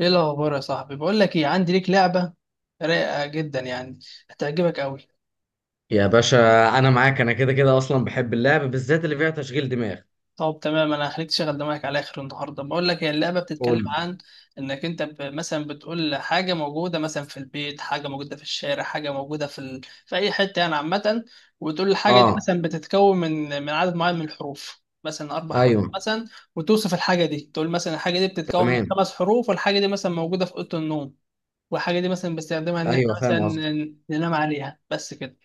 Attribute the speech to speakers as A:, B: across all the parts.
A: ايه الاخبار يا صاحبي؟ بقول لك ايه، عندي ليك لعبه رايقه جدا يعني، هتعجبك قوي.
B: يا باشا، انا معاك. انا كده كده اصلا بحب اللعب، بالذات اللي فيها تشغيل دماغ.
A: طب تمام، انا هخليك تشغل دماغك على اخر النهارده. بقول لك، هي اللعبه
B: قول
A: بتتكلم
B: لي.
A: عن انك انت مثلا بتقول حاجه موجوده مثلا في البيت، حاجه موجوده في الشارع، حاجه موجوده في اي حته يعني عامه. وتقول الحاجه دي
B: اه.
A: مثلا بتتكون من عدد معين من الحروف، مثلا اربع حروف
B: ايوه.
A: مثلا. وتوصف الحاجه دي، تقول مثلا الحاجه دي بتتكون من
B: تمام.
A: خمس حروف، والحاجه دي مثلا موجوده في اوضه النوم. والحاجة دي مثلا بستخدمها إن
B: ايوه
A: إحنا مثلا
B: فاهم قصدك.
A: ننام عليها، بس كده.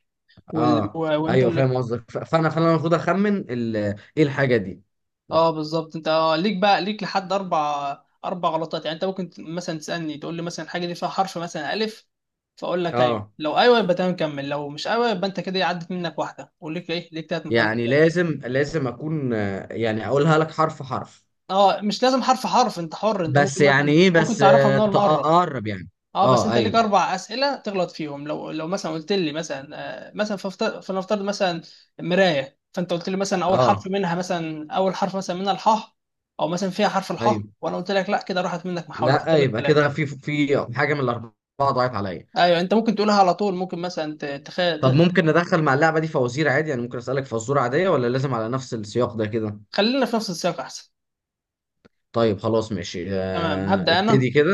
B: اه
A: وأنت
B: ايوه فاهم
A: اللي...
B: قصدك، فانا المفروض اخمن ايه الحاجه دي.
A: أه، بالظبط. أنت ليك بقى، ليك لحد أربع غلطات يعني. أنت ممكن مثلا تسألني، تقول لي مثلا الحاجة دي فيها حرف مثلا ألف. فأقول لك أيوه.
B: اه
A: لو أيوه يبقى تمام، كمل. لو مش أيوه يبقى أنت كده إيه، عدت منك واحدة، وليك إيه، ليك تلات محاولات
B: يعني
A: تاني.
B: لازم اكون، يعني اقولها لك حرف حرف.
A: أه، مش لازم حرف حرف. أنت حر، أنت
B: بس
A: ممكن
B: يعني
A: مثلا
B: ايه؟
A: ممكن
B: بس
A: تعرفها
B: آه،
A: من أول مرة.
B: تقرب يعني.
A: اه، بس
B: اه
A: انت ليك
B: ايوه.
A: اربع اسئله تغلط فيهم. لو مثلا قلت لي مثلا... مثلا فلنفترض مثلا... مرايه، فانت قلت لي مثلا اول حرف
B: اه
A: منها، مثلا اول حرف مثلا منها الحاء. او مثلا فيها حرف الحاء،
B: ايوه.
A: وانا قلت لك لا، كده راحت منك محاوله،
B: لا،
A: فاضل لك
B: يبقى
A: ثلاثه.
B: كده في حاجه من الاربعه ضاعت عليا.
A: ايوه، انت ممكن تقولها على طول، ممكن مثلا
B: طب ممكن ندخل مع اللعبة دي فوازير عادي؟ يعني ممكن أسألك فزورة عادية، ولا لازم على نفس السياق ده كده؟
A: خلينا في نفس السياق احسن.
B: طيب خلاص ماشي،
A: تمام، هبدا انا.
B: ابتدي كده.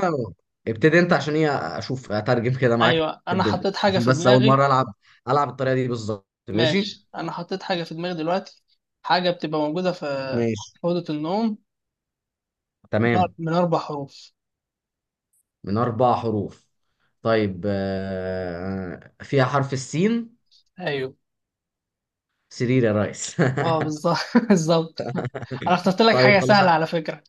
B: ابتدي انت عشان ايه؟ اشوف اترجم كده معاك
A: ايوه، انا
B: الدنيا،
A: حطيت حاجه
B: عشان
A: في
B: بس اول
A: دماغي.
B: مرة العب. العب الطريقة دي بالظبط ماشي.
A: ماشي، انا حطيت حاجه في دماغي دلوقتي. حاجه بتبقى موجوده في
B: ماشي.
A: في اوضه النوم.
B: تمام.
A: من اربع حروف.
B: من اربع حروف. طيب، فيها حرف السين؟
A: ايوه.
B: سرير يا ريس.
A: اه، بالظبط. بالظبط. انا اخترت لك حاجه
B: طيب خلاص.
A: سهله على فكره.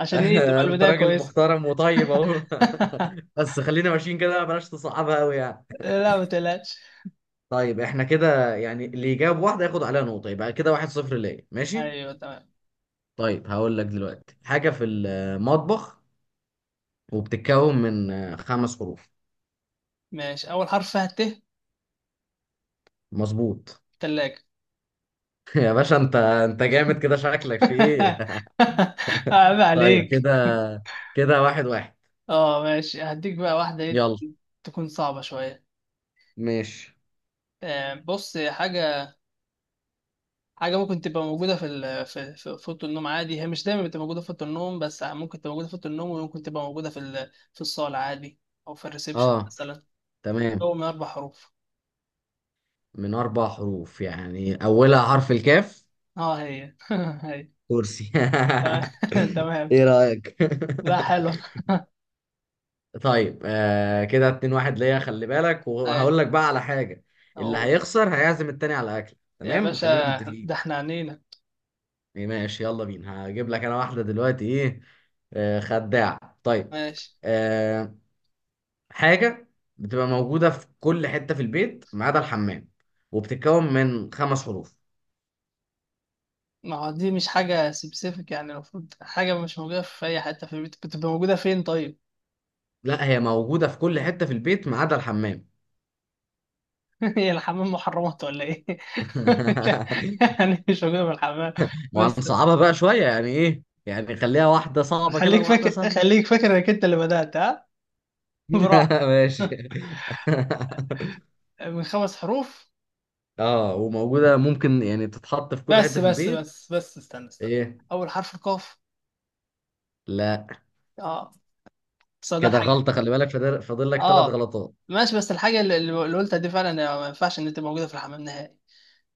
A: عشان ايه تبقى
B: انت
A: البدايه
B: راجل
A: كويسه.
B: محترم وطيب اهو. بس خلينا ماشيين كده، بلاش تصعبها قوي يعني.
A: لا، ما تقلقش.
B: طيب احنا كده يعني اللي يجاوب واحدة ياخد عليها نقطة، يبقى كده واحد صفر ليا ماشي.
A: ايوه، تمام.
B: طيب هقول لك دلوقتي حاجة في المطبخ، وبتتكون من خمس حروف.
A: ماشي، اول حرف فيها ت.
B: مظبوط.
A: تلاجة.
B: يا باشا، انت جامد كده، شكلك في ايه؟
A: عيب
B: طيب
A: عليك.
B: كده، كده واحد واحد.
A: اه، ماشي. هديك بقى واحده ايه...
B: يلا.
A: تكون صعبه شويه.
B: ماشي.
A: بص. حاجه حاجه ممكن تبقى موجوده في ال- في في في اوضه النوم عادي. هي مش دايما بتبقى موجوده في اوضه النوم، بس ممكن تبقى موجوده في اوضه النوم، وممكن تبقى موجوده في الصاله عادي. او في الريسبشن
B: اه
A: مثلا.
B: تمام.
A: هو من اربع حروف.
B: من اربع حروف يعني اولها حرف الكاف.
A: اه، هي. هي.
B: كرسي.
A: تمام. تمام.
B: ايه رأيك؟
A: لا، حلو.
B: طيب آه، كده اتنين واحد ليا، خلي بالك.
A: هي.
B: وهقول لك بقى على حاجة. اللي
A: اقول.
B: هيخسر هيعزم التاني على أكل،
A: يا
B: تمام؟
A: باشا،
B: خلينا متفقين.
A: ده احنا عنينا.
B: ماشي يلا بينا. هجيب لك أنا واحدة دلوقتي. إيه آه، خداع. طيب.
A: ماشي.
B: آه، حاجة بتبقى موجودة في كل حتة في البيت ما عدا الحمام، وبتتكون من خمس حروف.
A: ما هو دي مش حاجة سبيسيفيك يعني، المفروض حاجة مش موجودة في أي حتة في البيت، بتبقى موجودة فين طيب؟
B: لا، هي موجودة في كل حتة في البيت ما عدا الحمام.
A: هي الحمام محرمات ولا إيه؟ يعني مش موجودة في الحمام بس.
B: وهنصعبها بقى شوية، يعني إيه؟ يعني خليها واحدة صعبة كده
A: خليك
B: وواحدة
A: فاكر
B: سهلة.
A: خليك فاكر إنك أنت اللي بدأت ها؟ براحة.
B: ماشي.
A: من خمس حروف.
B: اه، وموجودة ممكن يعني تتحط في كل
A: بس
B: حتة في
A: بس
B: البيت.
A: بس بس استنى.
B: ايه؟
A: أول حرف القاف.
B: لا.
A: اه. صدى
B: كده
A: الحاجة.
B: غلطة، خلي بالك. فاضل لك ثلاث
A: اه،
B: غلطات.
A: ماشي. بس الحاجة اللي قلتها دي فعلا ما ينفعش ان تبقى موجودة في الحمام نهائي.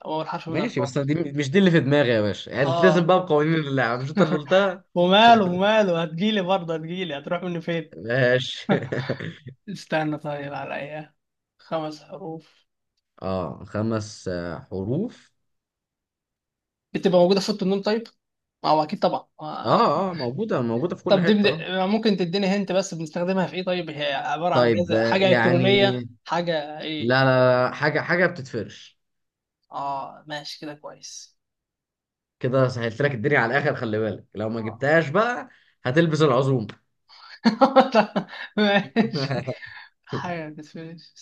A: هو الحرف من
B: ماشي،
A: القاف.
B: بس دي مش دي اللي في دماغي يا باشا. يعني لازم
A: اه.
B: بقى بقوانين اللعب، مش انت اللي قلتها.
A: وماله، هتجيلي برضه، هتجيلي، هتروح مني فين؟
B: ماشي.
A: استنى طيب، على ايه؟ خمس حروف.
B: اه خمس حروف.
A: بتبقى موجودة في اوضة النوم طيب. ما هو اكيد طبعا.
B: اه اه، موجودة في كل
A: طب دي
B: حتة، اه.
A: ممكن تديني هنت، بس بنستخدمها في ايه طيب؟ هي عبارة عن جهاز،
B: طيب،
A: حاجة
B: يعني
A: الكترونية، حاجة ايه؟
B: لا لا لا، حاجة بتتفرش.
A: اه، ماشي، كده كويس.
B: كده سهلت لك الدنيا على الآخر، خلي بالك لو ما
A: آه.
B: جبتهاش بقى هتلبس العزوم.
A: ماشي. حاجة بتفيش.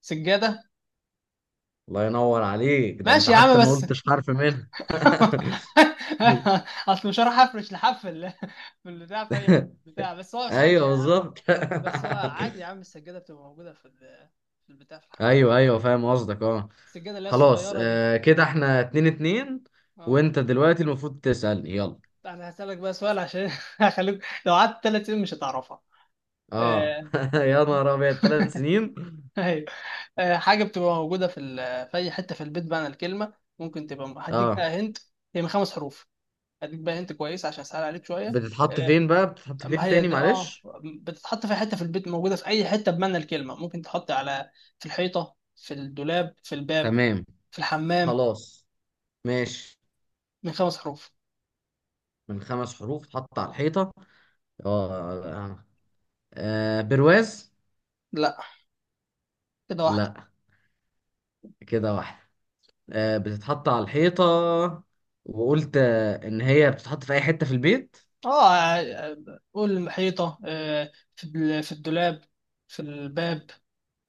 A: سجادة.
B: الله ينور عليك، ده انت
A: ماشي يا
B: حتى
A: عم،
B: ما
A: بس...
B: قلتش حرف منها.
A: اصل مش هروح افرش لحفل في البتاع في اي حته بتاع، بس هو ثانية
B: ايوه
A: يا عم.
B: بالظبط.
A: بس هو عادي يا عم، السجادة بتبقى موجودة في البتاع، في الحمام.
B: ايوه ايوه فاهم قصدك، اه.
A: السجادة اللي هي
B: خلاص
A: الصغيرة دي.
B: آه، كده احنا اتنين اتنين.
A: اه.
B: وانت دلوقتي المفروض تسألني يلا.
A: انا هسألك بقى سؤال عشان هخليك لو قعدت 3 سنين مش هتعرفها.
B: اه.
A: آه،
B: يا نهار ابيض، تلات سنين؟
A: ايوه. حاجة بتبقى موجودة في اي حتة في البيت بقى. أنا الكلمة ممكن تبقى هديك بقى
B: اه.
A: هنت. هي من خمس حروف. هديك بقى هنت كويس عشان اسهل عليك شوية.
B: بتتحط
A: آه،
B: فين بقى؟ بتتحط
A: ما
B: فين
A: هي
B: تاني
A: دي، اه.
B: معلش؟
A: بتتحط في حته في البيت، موجوده في اي حته بمعنى الكلمه، ممكن تحط على في الحيطه، في الدولاب، في الباب.
B: تمام.
A: في الحمام.
B: خلاص. ماشي.
A: من خمس حروف.
B: من خمس حروف. اتحط على الحيطة. اه آه. برواز.
A: لا، كده واحده.
B: لا. كده واحدة. بتتحط على الحيطة، وقلت إن هي بتتحط في أي حتة في البيت،
A: اه. قول الحيطه، في الدولاب، في الباب،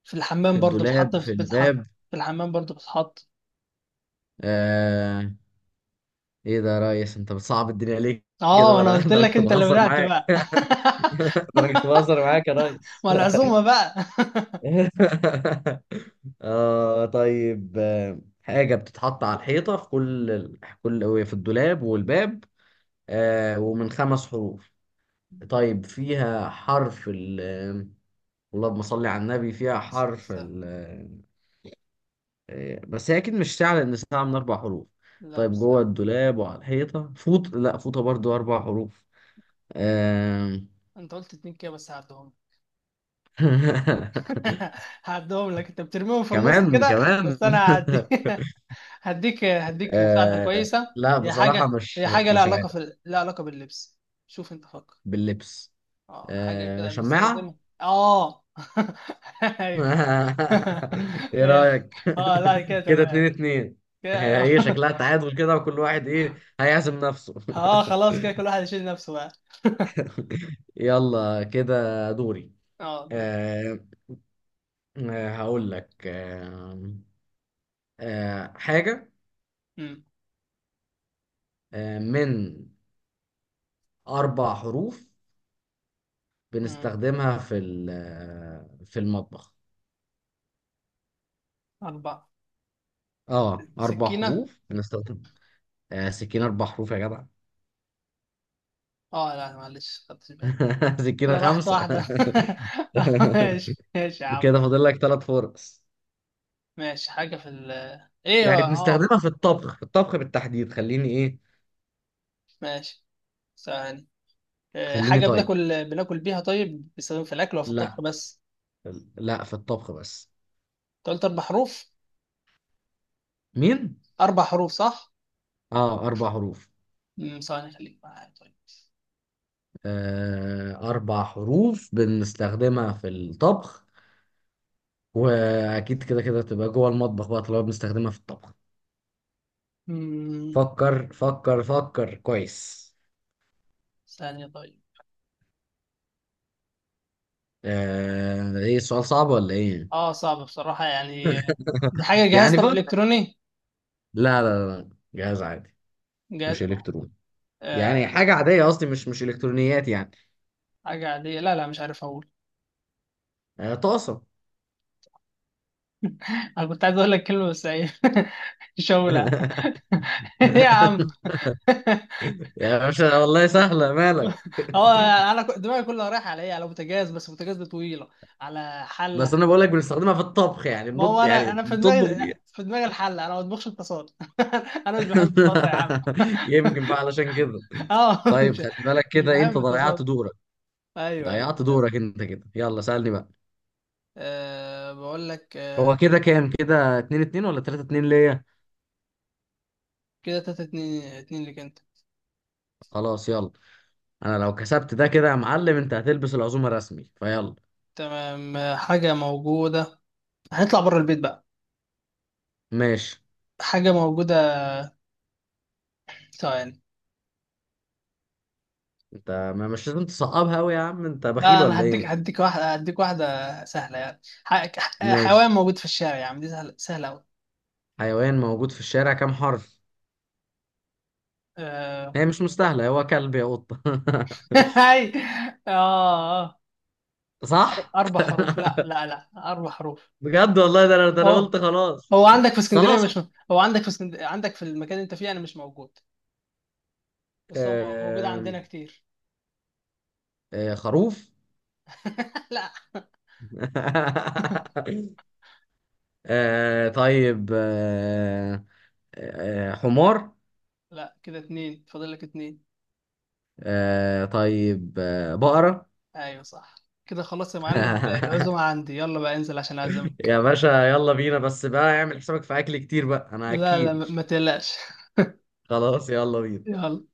A: في
B: في
A: الحمام برضو بتتحط،
B: الدولاب، في
A: في بتتحط،
B: الباب.
A: في الحمام برضو بتتحط.
B: آه. إيه ده يا ريس، أنت بتصعب الدنيا ليه؟ كده
A: اه، انا
B: ده أنا
A: قلت
B: ده أنا
A: لك
B: كنت
A: انت اللي
B: بهزر
A: بدأت
B: معاك.
A: بقى.
B: ده أنا كنت بهزر معاك يا ريس.
A: ما العزومه بقى.
B: آه طيب، حاجة بتتحط على الحيطة في كل كل في الدولاب والباب. آه، ومن خمس حروف. طيب فيها حرف ال اللهم صل على النبي، فيها
A: بس مش
B: حرف
A: سهل.
B: ال بس هي اكيد مش ساعة، لان ساعة من اربع حروف.
A: لا، مش
B: طيب جوه
A: سهل.
B: الدولاب وعلى الحيطة، فوط، لا فوطة برضو اربع حروف. آم،
A: انت قلت اتنين كده، بس هعدهم. هعدهم لك، انت بترميهم في النص
B: كمان
A: كده.
B: كمان.
A: بس انا هعدي. هديك هديك مساعده
B: آه،
A: كويسه.
B: لا
A: هي
B: بصراحة
A: حاجه هي
B: مش
A: حاجه
B: مش عارف.
A: لها علاقه باللبس. شوف، انت فكر.
B: باللبس.
A: اه، حاجه كده
B: شماعة.
A: بنستخدمها. اه ايوه.
B: ايه
A: هي.
B: رأيك؟
A: اه، لا، كده
B: كده اتنين
A: تمام.
B: اتنين. هي
A: كده.
B: ايه شكلها؟ تعادل كده، وكل واحد ايه هيعزم نفسه.
A: اه، خلاص، كده كل واحد يشيل نفسه بقى.
B: يلا كده دوري.
A: اه، دور.
B: آه، هقول لك، حاجة
A: امم
B: من أربع حروف،
A: امم
B: بنستخدمها في في المطبخ.
A: اربعه.
B: اه، أربع
A: سكينه.
B: حروف بنستخدم. سكينة أربع حروف يا جدع؟
A: اه، لا معلش، خدتش بالي.
B: سكينة
A: كده راحت
B: خمسة.
A: واحده. ماشي ماشي يا عم.
B: كده فاضل لك ثلاث فرص.
A: ماشي، حاجة في ال... ايه هو،
B: يعني
A: اه.
B: بنستخدمها في الطبخ، في الطبخ بالتحديد. خليني ايه.
A: ماشي. ثواني.
B: خليني
A: حاجة
B: طيب.
A: بناكل بيها، طيب بيستخدم في الأكل ولا في
B: لا،
A: الطبخ بس؟
B: لا في الطبخ بس.
A: أنت قلت أربع حروف؟
B: مين؟
A: أربع حروف صح؟
B: اه، أربع حروف.
A: ثواني، خليك معايا طيب.
B: أربع حروف بنستخدمها في الطبخ، وأكيد كده كده تبقى جوه المطبخ بقى طالما بنستخدمها في الطبخ.
A: امم
B: فكر فكر فكر كويس.
A: ثانية طيب.
B: إيه، السؤال صعب ولا إيه؟
A: اه، صعبة بصراحة يعني. دي حاجة جهاز،
B: يعني
A: طب
B: فكر.
A: إلكتروني؟
B: لا لا لا، جهاز عادي،
A: جهاز.
B: مش إلكتروني. يعني
A: آه
B: حاجة عادية قصدي، مش إلكترونيات يعني.
A: حاجة عادية، لا لا، مش عارف أقول.
B: طاسة.
A: أنا كنت عايز أقول لك كلمة بس إيه. شولع. إيه يا عم.
B: يا باشا والله سهلة، مالك؟
A: هو، انا دماغي كلها رايحه على ايه، على بوتاجاز، بس بوتاجاز دي طويله. على
B: بس
A: حله.
B: أنا بقول لك بنستخدمها في الطبخ، يعني
A: ما هو،
B: بنط
A: انا
B: يعني
A: انا في
B: بتطبخ
A: دماغي
B: بيها.
A: في دماغي الحله. انا ما بطبخش الطاسات. انا مش بحب الطاسه يا عم.
B: يمكن بقى علشان كده.
A: اه،
B: طيب خلي بالك
A: مش
B: كده، انت
A: بحب
B: ضيعت
A: الطاسات.
B: دورك.
A: ايوه، ايوه،
B: ضيعت
A: للأسف.
B: دورك انت كده، يلا سألني بقى.
A: أه، بقول لك.
B: هو كده كام، كده 2-2 ولا 3-2 ليا؟
A: كده 3-2، اتنين ليك انت.
B: خلاص يلا. انا لو كسبت ده كده يا معلم، انت هتلبس العزومة رسمي فيلا.
A: تمام. حاجه موجوده، هنطلع بره البيت بقى.
B: ماشي.
A: حاجه موجوده... ثواني.
B: انت ما مش لازم تصعبها قوي يا عم، انت
A: لا،
B: بخيل
A: انا
B: ولا
A: هديك
B: ايه؟
A: هديك واحده هديك واحده سهله يعني، حيوان
B: ماشي.
A: موجود في الشارع يعني، دي سهله سهله
B: حيوان موجود في الشارع، كام حرف؟
A: قوي.
B: هي مش مستاهلة، هو كلب يا قطة.
A: هاي. اه.
B: صح.
A: اربع حروف. لا لا لا، اربع حروف.
B: بجد والله، ده انا
A: هو...
B: قلت خلاص.
A: هو عندك في اسكندريه
B: خلاص.
A: مش م- هو عندك في اسكندريه، عندك في المكان اللي انت فيه، انا مش موجود. بس هو موجود
B: آه.
A: عندنا كتير.
B: خروف.
A: لا.
B: طيب، حمار.
A: لا، كده اتنين، فاضل لك اتنين.
B: طيب، بقرة.
A: ايوه، صح. كده خلاص يا معلم، العزومه عندي، يلا بقى انزل عشان
B: يا
A: اعزمك.
B: باشا يلا بينا، بس بقى اعمل حسابك في اكل كتير بقى انا
A: لا لا،
B: اكيد.
A: ما تقلقش.
B: خلاص يلا بينا.
A: يلا.